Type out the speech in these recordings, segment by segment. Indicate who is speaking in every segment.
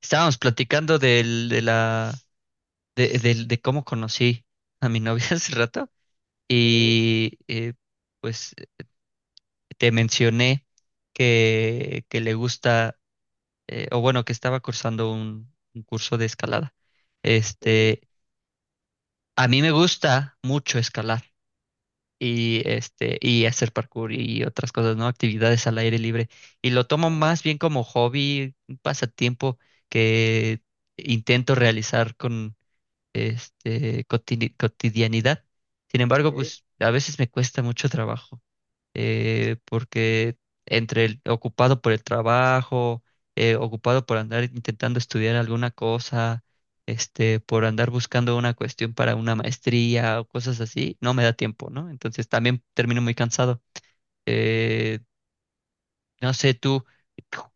Speaker 1: Estábamos platicando del, de la, de, del- de cómo conocí a mi novia hace rato
Speaker 2: Sí,
Speaker 1: y pues te mencioné que le gusta, o bueno, que estaba cursando un curso de escalada.
Speaker 2: sí,
Speaker 1: Este, a mí me gusta mucho escalar y y hacer parkour y otras cosas, ¿no? Actividades al aire libre. Y lo tomo
Speaker 2: ajá,
Speaker 1: más bien como hobby, un pasatiempo que intento realizar cotidianidad. Sin embargo,
Speaker 2: sí.
Speaker 1: pues a veces me cuesta mucho trabajo, porque entre el ocupado por el trabajo, ocupado por andar intentando estudiar alguna cosa, por andar buscando una cuestión para una maestría o cosas así, no me da tiempo, ¿no? Entonces también termino muy cansado. Eh, no sé, tú,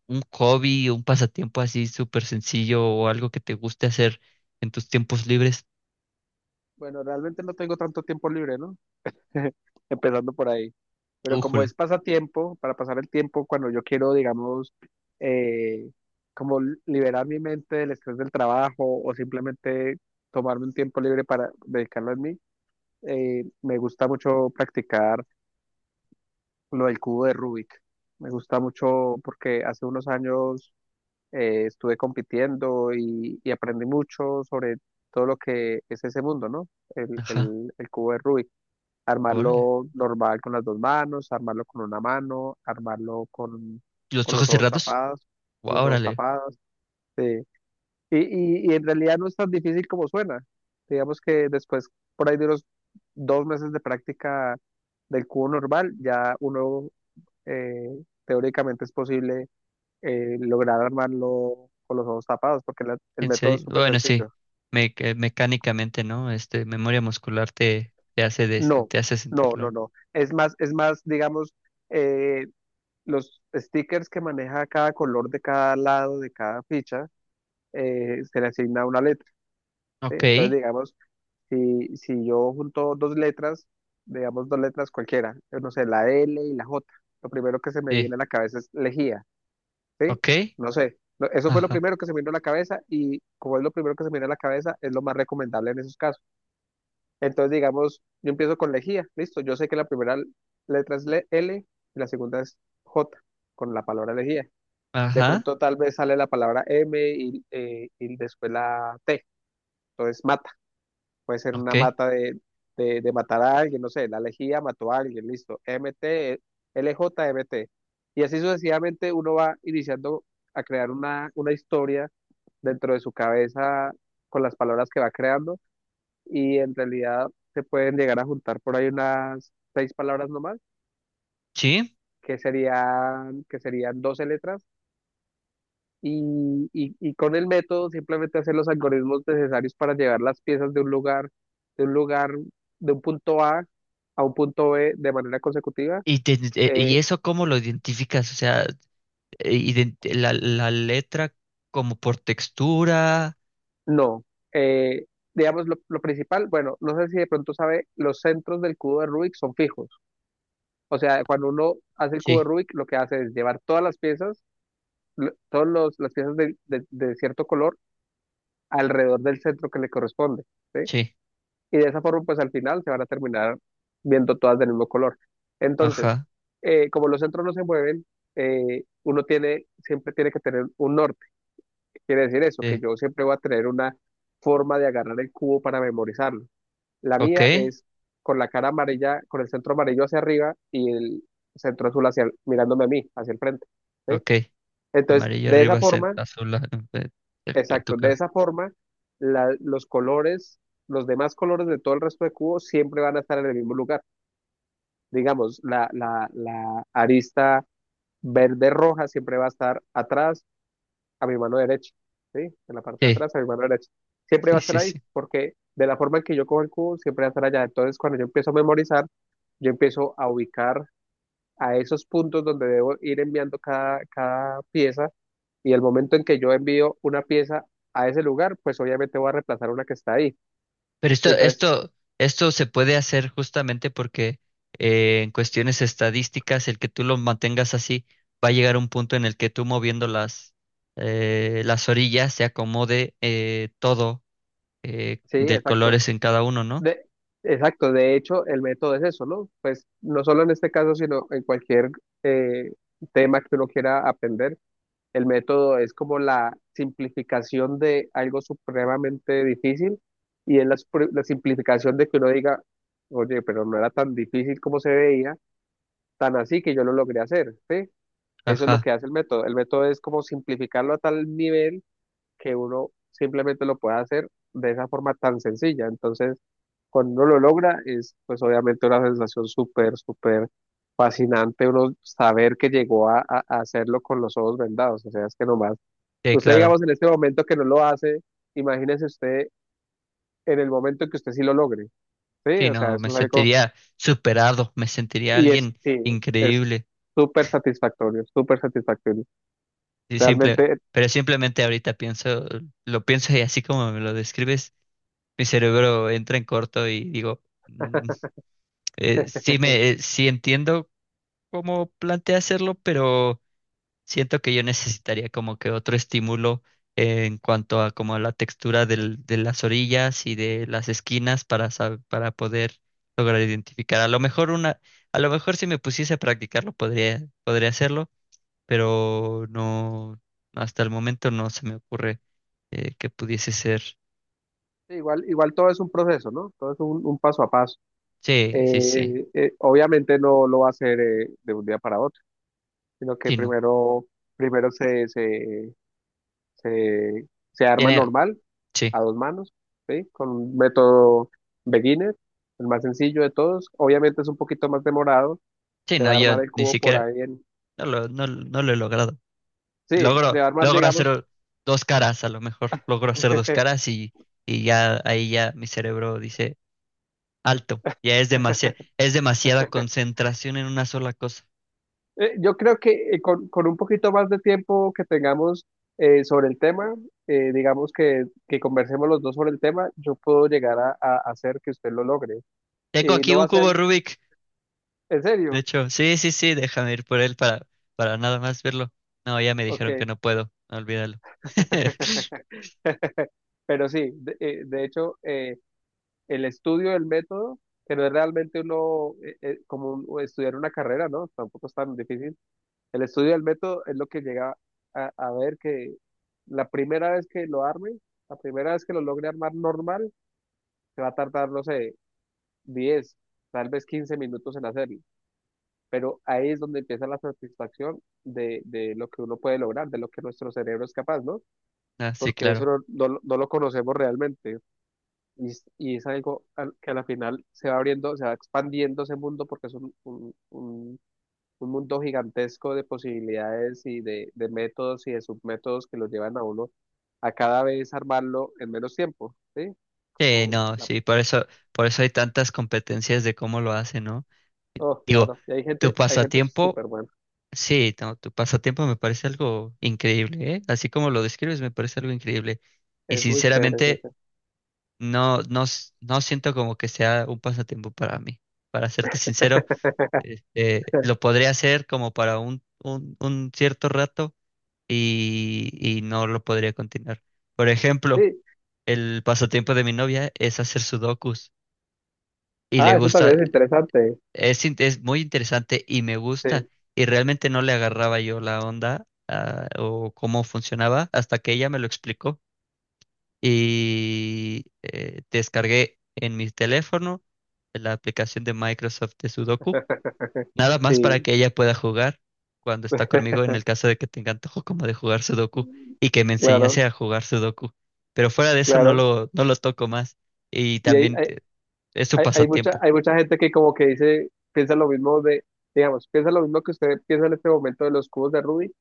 Speaker 1: un hobby, un pasatiempo así súper sencillo o algo que te guste hacer en tus tiempos libres.
Speaker 2: Bueno, realmente no tengo tanto tiempo libre, ¿no? Empezando por ahí. Pero como es
Speaker 1: Újule.
Speaker 2: pasatiempo, para pasar el tiempo cuando yo quiero, digamos, eh, como liberar mi mente del estrés del trabajo o simplemente tomarme un tiempo libre para dedicarlo a mí, me gusta mucho practicar lo del cubo de Rubik. Me gusta mucho porque hace unos años estuve compitiendo y aprendí mucho sobre todo lo que es ese mundo, ¿no? El,
Speaker 1: Ajá.
Speaker 2: el, el cubo de Rubik.
Speaker 1: Órale.
Speaker 2: Armarlo normal con las dos manos, armarlo con una mano, armarlo con,
Speaker 1: ¿Los
Speaker 2: con los
Speaker 1: ojos
Speaker 2: ojos
Speaker 1: cerrados?
Speaker 2: tapados, con los ojos
Speaker 1: Órale.
Speaker 2: tapados. Sí. Y en realidad no es tan difícil como suena. Digamos que después, por ahí de unos 2 meses de práctica del cubo normal, ya uno teóricamente es posible lograr armarlo con los ojos tapados, porque el
Speaker 1: En
Speaker 2: método es
Speaker 1: serio.
Speaker 2: súper
Speaker 1: Bueno, sí.
Speaker 2: sencillo.
Speaker 1: Que mecánicamente, ¿no? Memoria muscular te hace
Speaker 2: No,
Speaker 1: te hace
Speaker 2: no, no,
Speaker 1: sentirlo.
Speaker 2: no. Es más, digamos, eh, los stickers que maneja cada color de cada lado, de cada ficha, se le asigna una letra, ¿sí?
Speaker 1: Ok.
Speaker 2: Entonces, digamos, si yo junto dos letras, digamos dos letras cualquiera, yo no sé, la L y la J, lo primero que se me
Speaker 1: Sí.
Speaker 2: viene a la cabeza es lejía. ¿Sí?
Speaker 1: Ok.
Speaker 2: No sé, eso fue lo
Speaker 1: Ajá.
Speaker 2: primero que se me vino a la cabeza y como es lo primero que se me vino a la cabeza, es lo más recomendable en esos casos. Entonces, digamos, yo empiezo con lejía, listo, yo sé que la primera letra es L y la segunda es J, con la palabra lejía. De
Speaker 1: Ajá.
Speaker 2: pronto tal vez sale la palabra M y después la T, entonces mata puede ser una
Speaker 1: Ok.
Speaker 2: mata de matar a alguien, no sé, la lejía mató a alguien, listo, M T L J M T. Y así sucesivamente uno va iniciando a crear una historia dentro de su cabeza con las palabras que va creando y en realidad se pueden llegar a juntar por ahí unas seis palabras nomás,
Speaker 1: Sí.
Speaker 2: que serían 12 letras y con el método simplemente hacer los algoritmos necesarios para llevar las piezas de un lugar, de un lugar, de un punto A a un punto B de manera consecutiva.
Speaker 1: ¿Y, y
Speaker 2: Eh,
Speaker 1: eso cómo lo identificas? O sea, la letra como por textura.
Speaker 2: no. Eh, digamos, lo principal, bueno, no sé si de pronto sabe, los centros del cubo de Rubik son fijos. O sea, cuando uno hace el cubo de
Speaker 1: Sí.
Speaker 2: Rubik, lo que hace es llevar todas las piezas, todas las piezas de cierto color alrededor del centro que le corresponde, ¿sí?
Speaker 1: Sí.
Speaker 2: Y de esa forma pues al final se van a terminar viendo todas del mismo color. Entonces,
Speaker 1: Ajá.
Speaker 2: como los centros no se mueven, uno tiene, siempre tiene que tener un norte. Quiere decir eso, que
Speaker 1: Sí.
Speaker 2: yo siempre voy a tener una forma de agarrar el cubo para memorizarlo. La mía
Speaker 1: Ok.
Speaker 2: es con la cara amarilla, con el centro amarillo hacia arriba y el centro azul hacia, mirándome a mí, hacia el frente. ¿Sí?
Speaker 1: Ok.
Speaker 2: Entonces,
Speaker 1: Amarillo
Speaker 2: de esa
Speaker 1: arriba,
Speaker 2: forma,
Speaker 1: azul a tu
Speaker 2: exacto, de
Speaker 1: cara.
Speaker 2: esa forma, los colores, los demás colores de todo el resto de cubos siempre van a estar en el mismo lugar. Digamos, la arista verde-roja siempre va a estar atrás a mi mano derecha, ¿sí? En la parte de
Speaker 1: Sí.
Speaker 2: atrás a mi mano derecha. Siempre
Speaker 1: Sí,
Speaker 2: va a estar
Speaker 1: sí,
Speaker 2: ahí,
Speaker 1: sí.
Speaker 2: porque de la forma en que yo cojo el cubo, siempre va a estar allá. Entonces, cuando yo empiezo a memorizar, yo empiezo a ubicar a esos puntos donde debo ir enviando cada pieza y el momento en que yo envío una pieza a ese lugar, pues obviamente voy a reemplazar una que está ahí.
Speaker 1: Pero
Speaker 2: Y entonces,
Speaker 1: esto se puede hacer justamente porque en cuestiones estadísticas, el que tú lo mantengas así, va a llegar un punto en el que tú moviendo las orillas se acomode todo
Speaker 2: sí,
Speaker 1: de
Speaker 2: exacto.
Speaker 1: colores en cada uno, ¿no?
Speaker 2: De, exacto, de hecho, el método es eso, ¿no? Pues no solo en este caso, sino en cualquier eh, tema que uno quiera aprender, el método es como la simplificación de algo supremamente difícil y es la, la simplificación de que uno diga, oye, pero no era tan difícil como se veía, tan así que yo lo logré hacer, ¿sí? Eso es lo
Speaker 1: Ajá,
Speaker 2: que hace el método. El método es como simplificarlo a tal nivel que uno simplemente lo pueda hacer de esa forma tan sencilla. Entonces, cuando uno lo logra, es pues obviamente una sensación súper, súper fascinante uno saber que llegó a hacerlo con los ojos vendados. O sea, es que nomás,
Speaker 1: sí,
Speaker 2: usted
Speaker 1: claro.
Speaker 2: digamos en este momento que no lo hace, imagínese usted en el momento que usted sí lo logre. Sí,
Speaker 1: Sí,
Speaker 2: o sea,
Speaker 1: no, me
Speaker 2: eso es algo,
Speaker 1: sentiría superado, me sentiría
Speaker 2: y es,
Speaker 1: alguien
Speaker 2: sí, es
Speaker 1: increíble.
Speaker 2: súper satisfactorio, súper satisfactorio.
Speaker 1: Y simple,
Speaker 2: Realmente,
Speaker 1: pero simplemente ahorita pienso, lo pienso y así como me lo describes, mi cerebro entra en corto y digo.
Speaker 2: eh,
Speaker 1: Sí entiendo cómo plantea hacerlo, pero siento que yo necesitaría como que otro estímulo en cuanto a como la textura de las orillas y de las esquinas para para poder lograr identificar. A lo mejor si me pusiese a practicarlo podría hacerlo, pero no, hasta el momento no se me ocurre que pudiese ser.
Speaker 2: igual, igual todo es un proceso, ¿no? Todo es un paso a paso.
Speaker 1: Sí, sí, sí.
Speaker 2: Obviamente no lo va a hacer de un día para otro, sino que
Speaker 1: Sí, no.
Speaker 2: primero, primero se arma
Speaker 1: Tiene,
Speaker 2: normal,
Speaker 1: sí.
Speaker 2: a dos manos, ¿sí? Con un método beginner, el más sencillo de todos. Obviamente es un poquito más demorado,
Speaker 1: Sí,
Speaker 2: se
Speaker 1: no,
Speaker 2: va a
Speaker 1: yo
Speaker 2: armar el
Speaker 1: ni
Speaker 2: cubo por
Speaker 1: siquiera
Speaker 2: ahí en.
Speaker 1: no lo he logrado.
Speaker 2: Sí, se va a armar,
Speaker 1: Logro
Speaker 2: digamos,
Speaker 1: hacer dos caras, a lo mejor. Logro hacer dos caras y ya ahí ya mi cerebro dice, alto, es demasiada concentración en una sola cosa.
Speaker 2: Yo creo que con un poquito más de tiempo que tengamos sobre el tema, digamos que conversemos los dos sobre el tema, yo puedo llegar a hacer que usted lo logre.
Speaker 1: Tengo
Speaker 2: Y
Speaker 1: aquí
Speaker 2: no va
Speaker 1: un
Speaker 2: a ser,
Speaker 1: cubo Rubik.
Speaker 2: ¿en
Speaker 1: De
Speaker 2: serio?
Speaker 1: hecho, sí, sí, sí, déjame ir por él para nada más verlo. No, ya me
Speaker 2: Ok.
Speaker 1: dijeron que no puedo, olvídalo.
Speaker 2: Pero sí, de hecho, el estudio del método, que no es realmente uno, como estudiar una carrera, ¿no? Tampoco es tan difícil. El estudio del método es lo que llega a ver que la primera vez que lo arme, la primera vez que lo logre armar normal, se va a tardar, no sé, 10 tal vez 15 minutos en hacerlo. Pero ahí es donde empieza la satisfacción de lo que uno puede lograr, de lo que nuestro cerebro es capaz, ¿no?
Speaker 1: No, sí,
Speaker 2: Porque eso
Speaker 1: claro.
Speaker 2: no lo conocemos realmente. Y, y es algo que a la final se va abriendo, se va expandiendo ese mundo porque es un, un mundo gigantesco de posibilidades y de métodos y de submétodos que lo llevan a uno a cada vez armarlo en menos tiempo, ¿sí?
Speaker 1: Sí,
Speaker 2: Como
Speaker 1: no,
Speaker 2: la-
Speaker 1: sí, por eso hay tantas competencias de cómo lo hacen, ¿no?
Speaker 2: oh,
Speaker 1: Digo,
Speaker 2: claro. Y hay
Speaker 1: tu
Speaker 2: gente, hay gente
Speaker 1: pasatiempo.
Speaker 2: súper buena.
Speaker 1: Sí, no, tu pasatiempo me parece algo increíble, ¿eh? Así como lo describes, me parece algo increíble. Y
Speaker 2: Es muy chévere, es muy
Speaker 1: sinceramente,
Speaker 2: chévere.
Speaker 1: no siento como que sea un pasatiempo para mí. Para serte sincero, lo podría hacer como para un cierto rato y no lo podría continuar. Por ejemplo,
Speaker 2: Sí.
Speaker 1: el pasatiempo de mi novia es hacer sudokus y le
Speaker 2: Ah, eso
Speaker 1: gusta.
Speaker 2: también es interesante.
Speaker 1: Es, es muy interesante y me gusta.
Speaker 2: Sí,
Speaker 1: Y realmente no le agarraba yo la onda ah, o cómo funcionaba hasta que ella me lo explicó. Y descargué en mi teléfono la aplicación de Microsoft de Sudoku, nada más para
Speaker 2: sí,
Speaker 1: que ella pueda jugar cuando está conmigo en el caso de que tenga antojo como de jugar Sudoku y que me
Speaker 2: claro,
Speaker 1: enseñase a jugar Sudoku. Pero fuera de eso
Speaker 2: claro.
Speaker 1: no lo toco más. Y
Speaker 2: Y hay,
Speaker 1: también
Speaker 2: hay,
Speaker 1: es su
Speaker 2: hay, hay mucha,
Speaker 1: pasatiempo.
Speaker 2: hay mucha gente que como que dice, piensa lo mismo de, digamos, piensa lo mismo que usted piensa en este momento de los cubos de Rubik.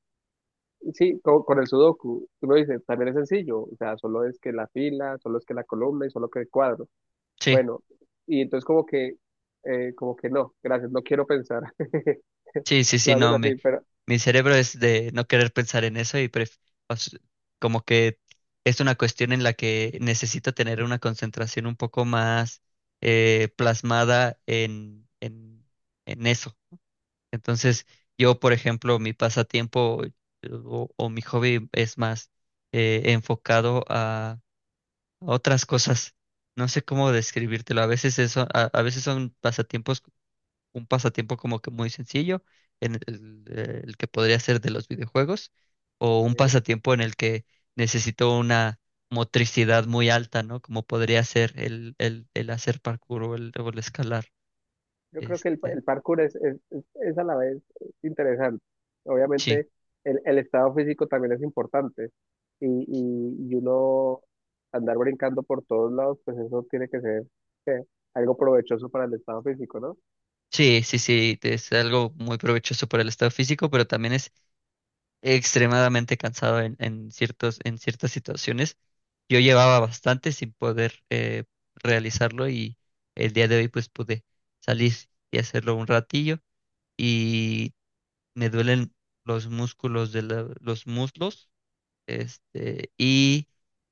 Speaker 2: Sí, el sudoku, tú lo dices, también es sencillo, o sea, solo es que la fila, solo es que la columna y solo que el cuadro.
Speaker 1: Sí.
Speaker 2: Bueno, y entonces como que no, gracias, no quiero pensar.
Speaker 1: Sí, sí,
Speaker 2: Lo
Speaker 1: sí,
Speaker 2: hacen
Speaker 1: no,
Speaker 2: así, pero
Speaker 1: mi cerebro es de no querer pensar en eso y o s- como que es una cuestión en la que necesito tener una concentración un poco más plasmada en eso. Entonces, yo, por ejemplo, mi pasatiempo o mi hobby es más enfocado a otras cosas. No sé cómo describírtelo. A a veces son pasatiempos un pasatiempo como que muy sencillo, el que podría ser de los videojuegos, o un
Speaker 2: eh,
Speaker 1: pasatiempo en el que necesito una motricidad muy alta, ¿no? Como podría ser el hacer parkour o o el escalar.
Speaker 2: yo creo que
Speaker 1: Este,
Speaker 2: el parkour es a la vez interesante.
Speaker 1: sí,
Speaker 2: Obviamente el estado físico también es importante y uno andar brincando por todos lados, pues eso tiene que ser eh, algo provechoso para el estado físico, ¿no?
Speaker 1: sí, sí, sí, es algo muy provechoso para el estado físico, pero también es extremadamente cansado en ciertos, en ciertas situaciones. Yo llevaba bastante sin poder realizarlo y el día de hoy pues pude salir y hacerlo un ratillo y me duelen los músculos de los muslos, este y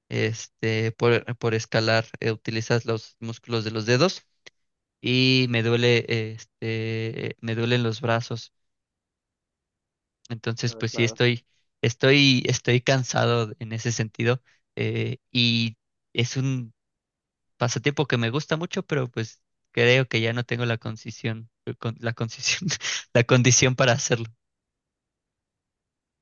Speaker 1: este por escalar utilizas los músculos de los dedos y me duele me duelen los brazos. Entonces
Speaker 2: Ah,
Speaker 1: pues sí
Speaker 2: claro.
Speaker 1: estoy estoy cansado en ese sentido y es un pasatiempo que me gusta mucho, pero pues creo que ya no tengo la concisión, con- la concisión, la condición para hacerlo.